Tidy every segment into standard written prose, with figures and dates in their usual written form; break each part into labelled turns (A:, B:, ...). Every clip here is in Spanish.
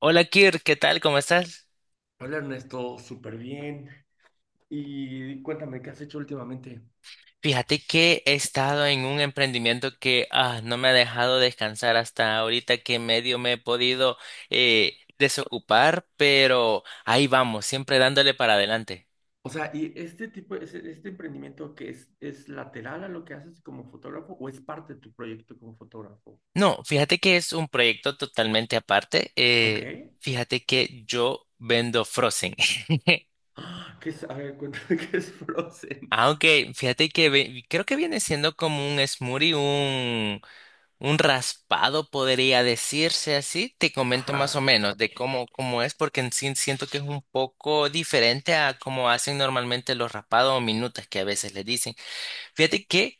A: Hola Kir, ¿qué tal? ¿Cómo estás?
B: Hola Ernesto, súper bien. Y cuéntame, ¿qué has hecho últimamente?
A: Fíjate que he estado en un emprendimiento que no me ha dejado descansar hasta ahorita que medio me he podido desocupar, pero ahí vamos, siempre dándole para adelante.
B: O sea, ¿y este tipo, este emprendimiento que es lateral a lo que haces como fotógrafo o es parte de tu proyecto como fotógrafo?
A: No, fíjate que es un proyecto totalmente aparte.
B: Ok.
A: Fíjate que yo vendo frozen.
B: Ah, ¿qué es? A ver, cuéntame qué es Frozen.
A: Aunque fíjate que creo que viene siendo como un smoothie, un raspado podría decirse así. Te comento más o
B: Ajá,
A: menos de cómo es, porque en sí siento que es un poco diferente a cómo hacen normalmente los raspados o minutas que a veces les dicen. Fíjate que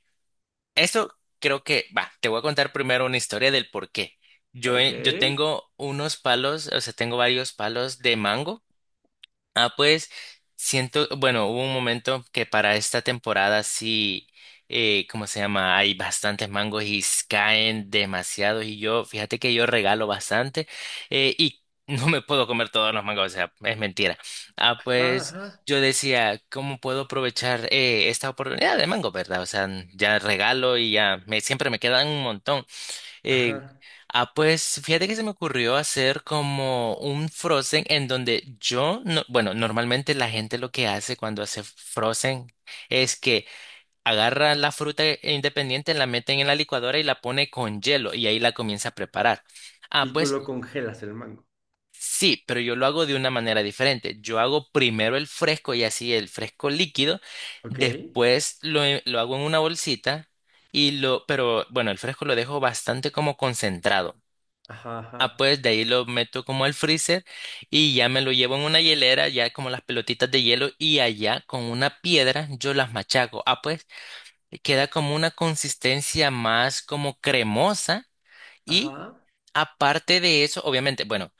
A: eso creo que, va, te voy a contar primero una historia del por qué. Yo,
B: ok.
A: yo tengo unos palos, o sea, tengo varios palos de mango. Ah, pues siento, bueno, hubo un momento que para esta temporada sí, ¿cómo se llama? Hay bastantes mangos y caen demasiados y yo, fíjate que yo regalo bastante y no me puedo comer todos los mangos, o sea, es mentira. Ah,
B: Ajá,
A: pues
B: ajá,
A: yo decía, ¿cómo puedo aprovechar esta oportunidad de mango, verdad? O sea, ya regalo y ya me, siempre me quedan un montón. Eh,
B: ajá.
A: ah, pues fíjate que se me ocurrió hacer como un Frozen en donde yo, no, bueno, normalmente la gente lo que hace cuando hace Frozen es que agarra la fruta independiente, la meten en la licuadora y la pone con hielo y ahí la comienza a preparar. Ah,
B: Y tú
A: pues
B: lo congelas el mango.
A: sí, pero yo lo hago de una manera diferente. Yo hago primero el fresco y así el fresco líquido,
B: Ok.
A: después lo hago en una bolsita y lo, pero bueno, el fresco lo dejo bastante como concentrado.
B: Ajá,
A: Ah,
B: ajá,
A: pues de ahí lo meto como al freezer y ya me lo llevo en una hielera, ya como las pelotitas de hielo y allá con una piedra yo las machaco. Ah, pues queda como una consistencia más como cremosa y
B: ajá.
A: aparte de eso, obviamente, bueno,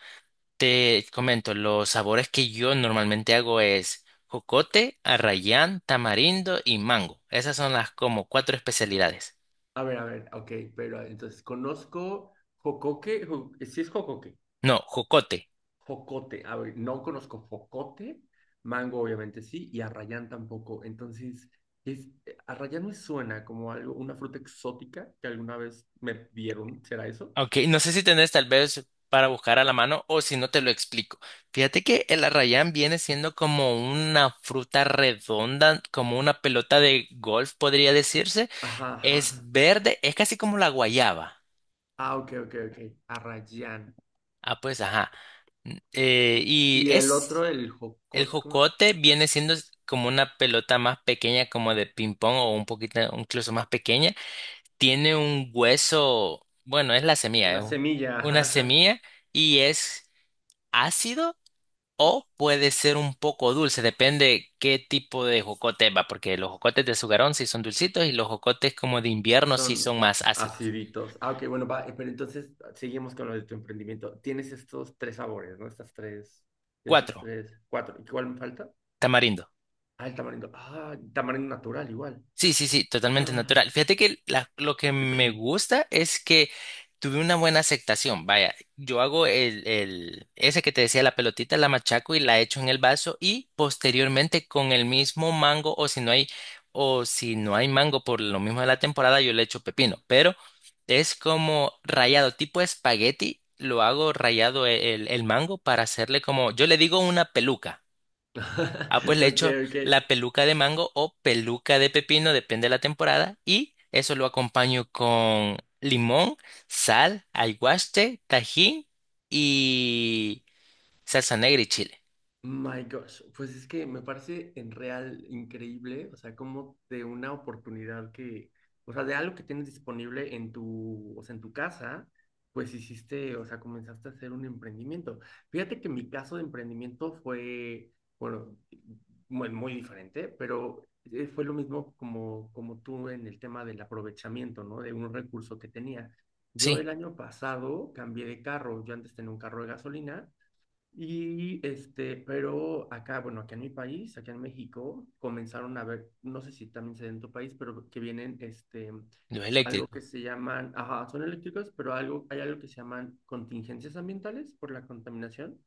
A: te comento, los sabores que yo normalmente hago es jocote, arrayán, tamarindo y mango. Esas son las como cuatro especialidades.
B: A ver, ok, pero entonces conozco jocoque, si es jocoque.
A: No, jocote.
B: Jocote, a ver, no conozco jocote, mango obviamente sí, y arrayán tampoco. Entonces, es, arrayán me suena como algo, una fruta exótica que alguna vez me dieron, ¿será eso?
A: Ok, no sé si tenés tal vez para buscar a la mano o si no te lo explico. Fíjate que el arrayán viene siendo como una fruta redonda, como una pelota de golf, podría decirse.
B: Ajá, ajá.
A: Es verde, es casi como la guayaba.
B: Ah, ok, ok, ok. Arrayán.
A: Ah, pues ajá. N- y
B: Y el otro,
A: es
B: el
A: El
B: jocote, ¿cómo?
A: jocote, viene siendo como una pelota más pequeña, como de ping-pong o un poquito, incluso más pequeña. Tiene un hueso, bueno, es la semilla,
B: Una semilla,
A: una
B: ajá, ajá.
A: semilla y es ácido. O puede ser un poco dulce, depende qué tipo de jocote va, porque los jocotes de sugarón sí son dulcitos y los jocotes como de invierno sí
B: Son
A: son más ácidos.
B: aciditos. Ah, ok, bueno, va, pero entonces seguimos con lo de tu emprendimiento. Tienes estos tres sabores, ¿no? Esos
A: Cuatro,
B: tres, cuatro. ¿Y cuál me falta?
A: tamarindo.
B: Ah, el tamarindo. Ah, tamarindo natural igual.
A: Sí, sí, sí, totalmente
B: Ah.
A: natural. Fíjate que lo que me gusta es que tuve una buena aceptación. Vaya, yo hago ese que te decía, la pelotita, la machaco y la echo en el vaso y posteriormente con el mismo mango o si no hay, o si no hay mango por lo mismo de la temporada, yo le echo pepino. Pero es como rayado, tipo espagueti, lo hago rayado el mango para hacerle como, yo le digo una peluca. Ah, pues le
B: Ok,
A: echo
B: ok.
A: la peluca de mango o peluca de pepino, depende de la temporada. Y eso lo acompaño con limón, sal, aguaste, tajín y salsa negra y chile.
B: My gosh, pues es que me parece en real increíble, o sea, como de una oportunidad que, o sea, de algo que tienes disponible en tu, o sea, en tu casa, pues hiciste, o sea, comenzaste a hacer un emprendimiento. Fíjate que mi caso de emprendimiento fue, bueno, muy, muy diferente, pero fue lo mismo como tú en el tema del aprovechamiento, ¿no? De un recurso que tenía. Yo
A: Sí,
B: el año pasado cambié de carro, yo antes tenía un carro de gasolina y pero acá, bueno, aquí en mi país, aquí en México, comenzaron a ver, no sé si también se ve en tu país, pero que vienen,
A: lo
B: algo que
A: eléctrico.
B: se llaman, ajá, son eléctricos, pero algo, hay algo que se llaman contingencias ambientales por la contaminación.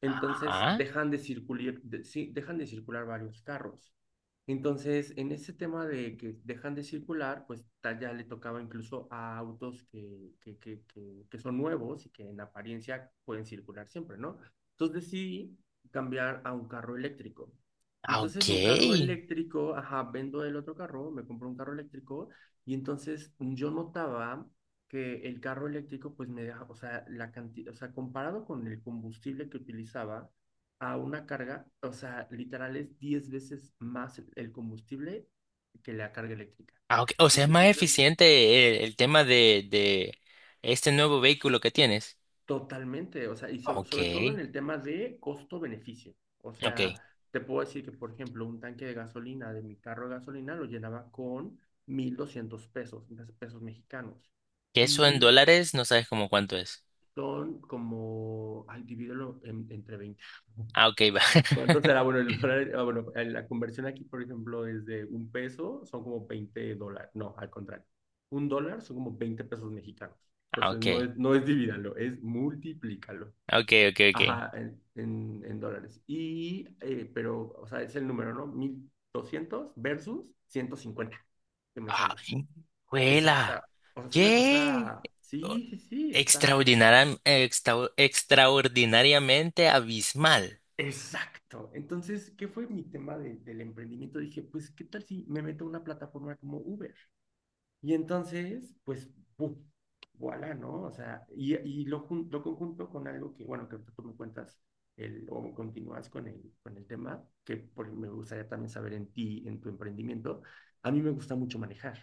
B: Entonces
A: Ah,
B: dejan de circular, sí, dejan de circular varios carros. Entonces, en ese tema de que dejan de circular, pues ya le tocaba incluso a autos que son nuevos y que en apariencia pueden circular siempre, ¿no? Entonces decidí cambiar a un carro eléctrico. Y
A: ah,
B: entonces
A: ok.
B: en un carro eléctrico, ajá, vendo el otro carro, me compro un carro eléctrico y entonces yo notaba que el carro eléctrico pues me deja, o sea, la cantidad, o sea, comparado con el combustible que utilizaba a una carga, o sea, literal es 10 veces más el combustible que la carga eléctrica.
A: Ah, ok. O sea, es más
B: Entonces,
A: eficiente el tema de este nuevo vehículo que tienes.
B: totalmente, o sea, y sobre
A: Ok,
B: sobre todo en el tema de costo-beneficio. O
A: ok.
B: sea, te puedo decir que, por ejemplo, un tanque de gasolina de mi carro de gasolina lo llenaba con 1.200 pesos, 1.000 pesos mexicanos.
A: Que eso en
B: Y
A: dólares no sabes como cuánto es.
B: son como, ay, divídelo entre 20.
A: Ah, ok, va.
B: ¿Cuánto será? Bueno, el dólar, ah, bueno, la conversión aquí, por ejemplo, es de un peso, son como 20 dólares. No, al contrario. Un dólar son como 20 pesos mexicanos.
A: Ah,
B: Entonces, no es divídalo, es multiplícalo.
A: ok.
B: Ajá, en dólares. Y, pero, o sea, es el número, ¿no? 1.200 versus 150 que me sale.
A: Ay,
B: Exacta.
A: ¡juela!
B: O sea, es una
A: ¡Qué!
B: cosa,
A: O-
B: sí, sí, sí, está.
A: Extraordinariamente abismal.
B: Exacto. Entonces, ¿qué fue mi tema del emprendimiento? Dije, pues, ¿qué tal si me meto a una plataforma como Uber? Y entonces, pues, ¡pum! Voilà, ¿no? O sea, y lo conjunto con algo que, bueno, que ahorita tú me cuentas el, o continúas con el, tema, me gustaría también saber en ti, en tu emprendimiento. A mí me gusta mucho manejar.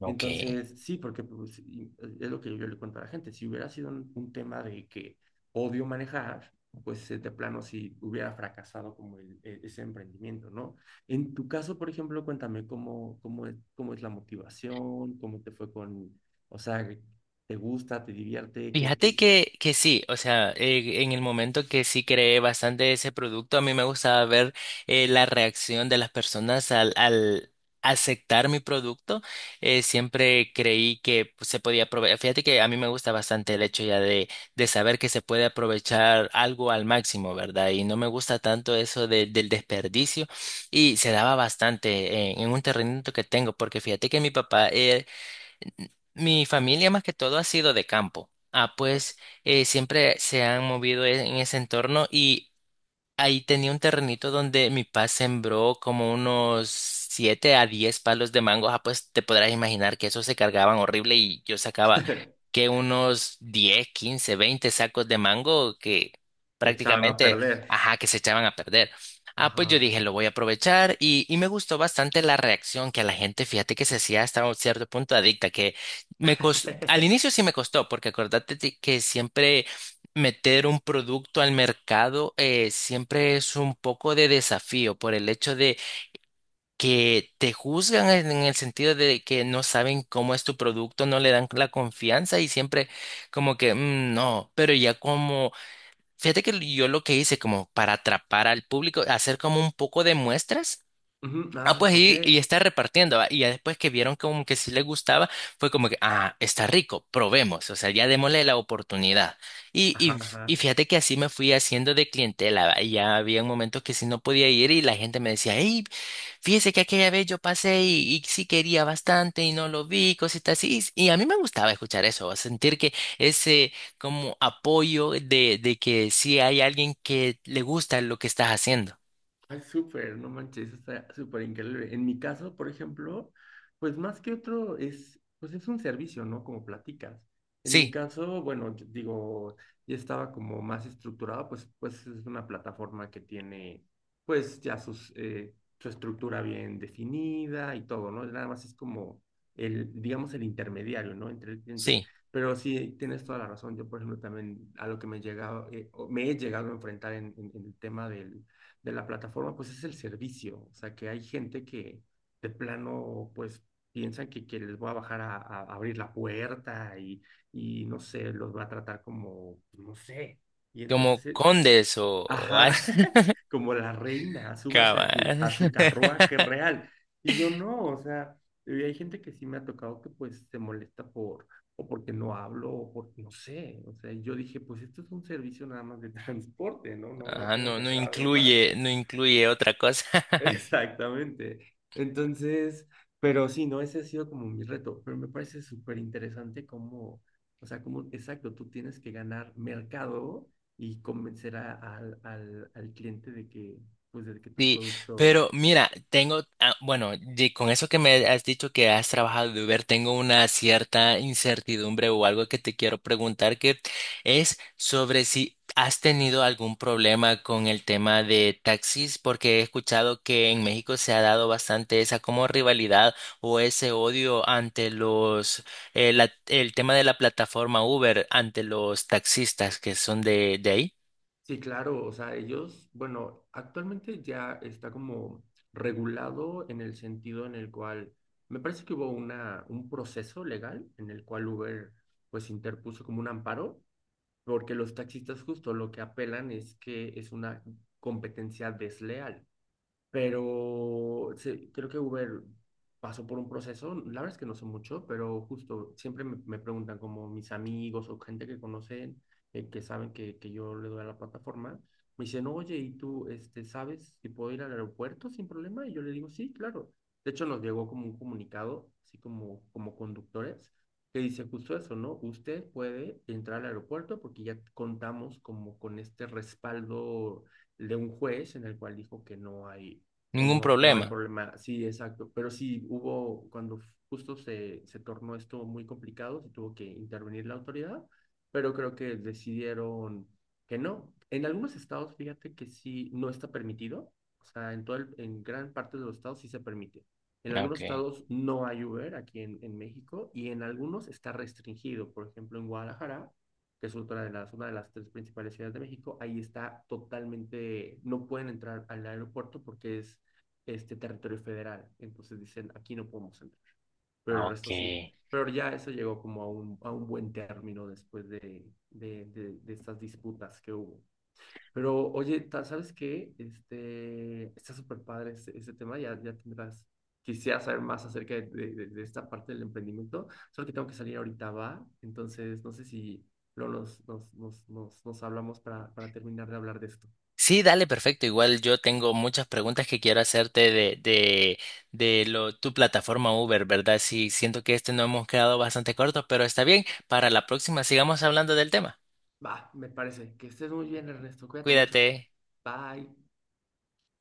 A: Ok.
B: Entonces, sí, porque pues, es lo que yo le cuento a la gente. Si hubiera sido un tema de que odio manejar, pues de plano sí hubiera fracasado como ese emprendimiento, ¿no? En tu caso, por ejemplo, cuéntame cómo es la motivación, cómo te fue con, o sea, ¿te gusta, te divierte? ¿Qué,
A: Fíjate
B: qué, qué?
A: que sí, o sea, en el momento que sí creé bastante ese producto, a mí me gustaba ver la reacción de las personas al aceptar mi producto. Siempre creí que pues, se podía aprovechar. Fíjate que a mí me gusta bastante el hecho ya de saber que se puede aprovechar algo al máximo, ¿verdad? Y no me gusta tanto eso del desperdicio y se daba bastante en un terrenito que tengo, porque fíjate que mi papá... mi familia más que todo ha sido de campo. Ah, pues siempre se han movido en ese entorno y ahí tenía un terrenito donde mi papá sembró como unos 7 a 10 palos de mango. Ah, pues te podrás imaginar que esos se cargaban horrible y yo sacaba que unos 10, 15, 20 sacos de mango que
B: ¿Echaron a
A: prácticamente,
B: perder?
A: ajá, que se echaban a perder. Ah, pues yo
B: Ajá.
A: dije, lo voy a aprovechar y me gustó bastante la reacción que a la gente, fíjate que se hacía hasta un cierto punto adicta, que al inicio sí me costó, porque acordate de que siempre meter un producto al mercado siempre es un poco de desafío por el hecho de que te juzgan en el sentido de que no saben cómo es tu producto, no le dan la confianza y siempre como que "Mm, no, pero ya como, fíjate que yo lo que hice como para atrapar al público, hacer como un poco de muestras.
B: Ujú.
A: Ah,
B: Ah,
A: pues
B: ok.
A: y está repartiendo, ¿va? Y ya después que vieron como que sí le gustaba, fue como que, ah, está rico, probemos, o sea, ya démosle la oportunidad. Y,
B: Ajá,
A: y, y
B: ajá.
A: fíjate que así me fui haciendo de clientela, ¿va? Y ya había momentos que sí no podía ir y la gente me decía, hey, fíjese que aquella vez yo pasé y sí quería bastante y no lo vi, cositas así. Y a mí me gustaba escuchar eso, ¿va? Sentir que ese como apoyo de que sí hay alguien que le gusta lo que estás haciendo.
B: Ay, súper, no manches, está súper increíble. En mi caso, por ejemplo, pues más que otro es, pues es un servicio, ¿no? Como platicas. En mi
A: Sí,
B: caso, bueno, yo digo, ya estaba como más estructurado, pues es una plataforma que tiene, pues ya sus, su estructura bien definida y todo, ¿no? Nada más es como el, digamos, el intermediario, ¿no? Entre el cliente.
A: sí.
B: Pero sí, tienes toda la razón. Yo, por ejemplo, también a lo que me llegaba, o me he llegado a enfrentar en en el tema del de la plataforma, pues es el servicio. O sea, que hay gente que de plano, pues piensan que les voy a bajar a abrir la puerta y, no sé, los va a tratar como, pues, no sé. Y
A: Como
B: entonces,
A: condes o
B: ajá,
A: algo.
B: como la reina, súbase a su,
A: Cabal.
B: a su carruaje real. Y yo no, o sea, y hay gente que sí me ha tocado que pues se molesta por, o porque no hablo, o porque no sé. O sea, yo dije, pues esto es un servicio nada más de transporte, ¿no? No, no
A: Ajá,
B: tengo
A: no,
B: que
A: no
B: hacer algo más.
A: incluye, no incluye otra cosa.
B: Exactamente. Entonces, pero sí, no, ese ha sido como mi reto, pero me parece súper interesante cómo, o sea, cómo, exacto, tú tienes que ganar mercado y convencer al, al cliente de que, pues, de que tu
A: Sí,
B: producto,
A: pero mira, tengo, ah, bueno, de- con eso que me has dicho que has trabajado de Uber, tengo una cierta incertidumbre o algo que te quiero preguntar que es sobre si has tenido algún problema con el tema de taxis, porque he escuchado que en México se ha dado bastante esa como rivalidad o ese odio ante los, el tema de la plataforma Uber, ante los taxistas que son de ahí.
B: sí, claro, o sea, ellos, bueno, actualmente ya está como regulado en el sentido en el cual, me parece que hubo una, un proceso legal en el cual Uber, pues, interpuso como un amparo porque los taxistas justo lo que apelan es que es una competencia desleal, pero sí, creo que Uber pasó por un proceso, la verdad es que no sé mucho, pero justo siempre me preguntan como mis amigos o gente que conocen, que saben que yo le doy a la plataforma, me dicen, oye, ¿y tú sabes si puedo ir al aeropuerto sin problema? Y yo le digo, sí, claro. De hecho, nos llegó como un comunicado, así como conductores, que dice justo eso, ¿no? Usted puede entrar al aeropuerto porque ya contamos como con este respaldo de un juez en el cual dijo que no hay
A: Ningún
B: como que no hay
A: problema.
B: problema. Sí, exacto. Pero sí hubo, cuando justo se tornó esto muy complicado, se tuvo que intervenir la autoridad, pero creo que decidieron que no. En algunos estados, fíjate que sí, no está permitido. O sea, en todo en gran parte de los estados sí se permite. En
A: Ah,
B: algunos
A: okay,
B: estados no hay Uber aquí en México y en algunos está restringido. Por ejemplo, en Guadalajara, que es otra de las, una de las tres principales ciudades de México, ahí está totalmente, no pueden entrar al aeropuerto porque es este territorio federal. Entonces dicen, aquí no podemos entrar, pero
A: ah,
B: el
A: ok.
B: resto sí. Pero ya eso llegó como a un, buen término después de estas disputas que hubo. Pero oye, ¿sabes qué? Está súper padre este tema, ya, ya tendrás, quisiera saber más acerca de esta parte del emprendimiento, solo que tengo que salir ahorita, va, entonces no sé si luego nos hablamos para terminar de hablar de esto.
A: Sí, dale, perfecto. Igual yo tengo muchas preguntas que quiero hacerte de lo, tu plataforma Uber, ¿verdad? Sí, siento que este no hemos quedado bastante corto, pero está bien. Para la próxima sigamos hablando del tema.
B: Va, me parece. Que estés muy bien, Ernesto. Cuídate mucho.
A: Cuídate.
B: Bye.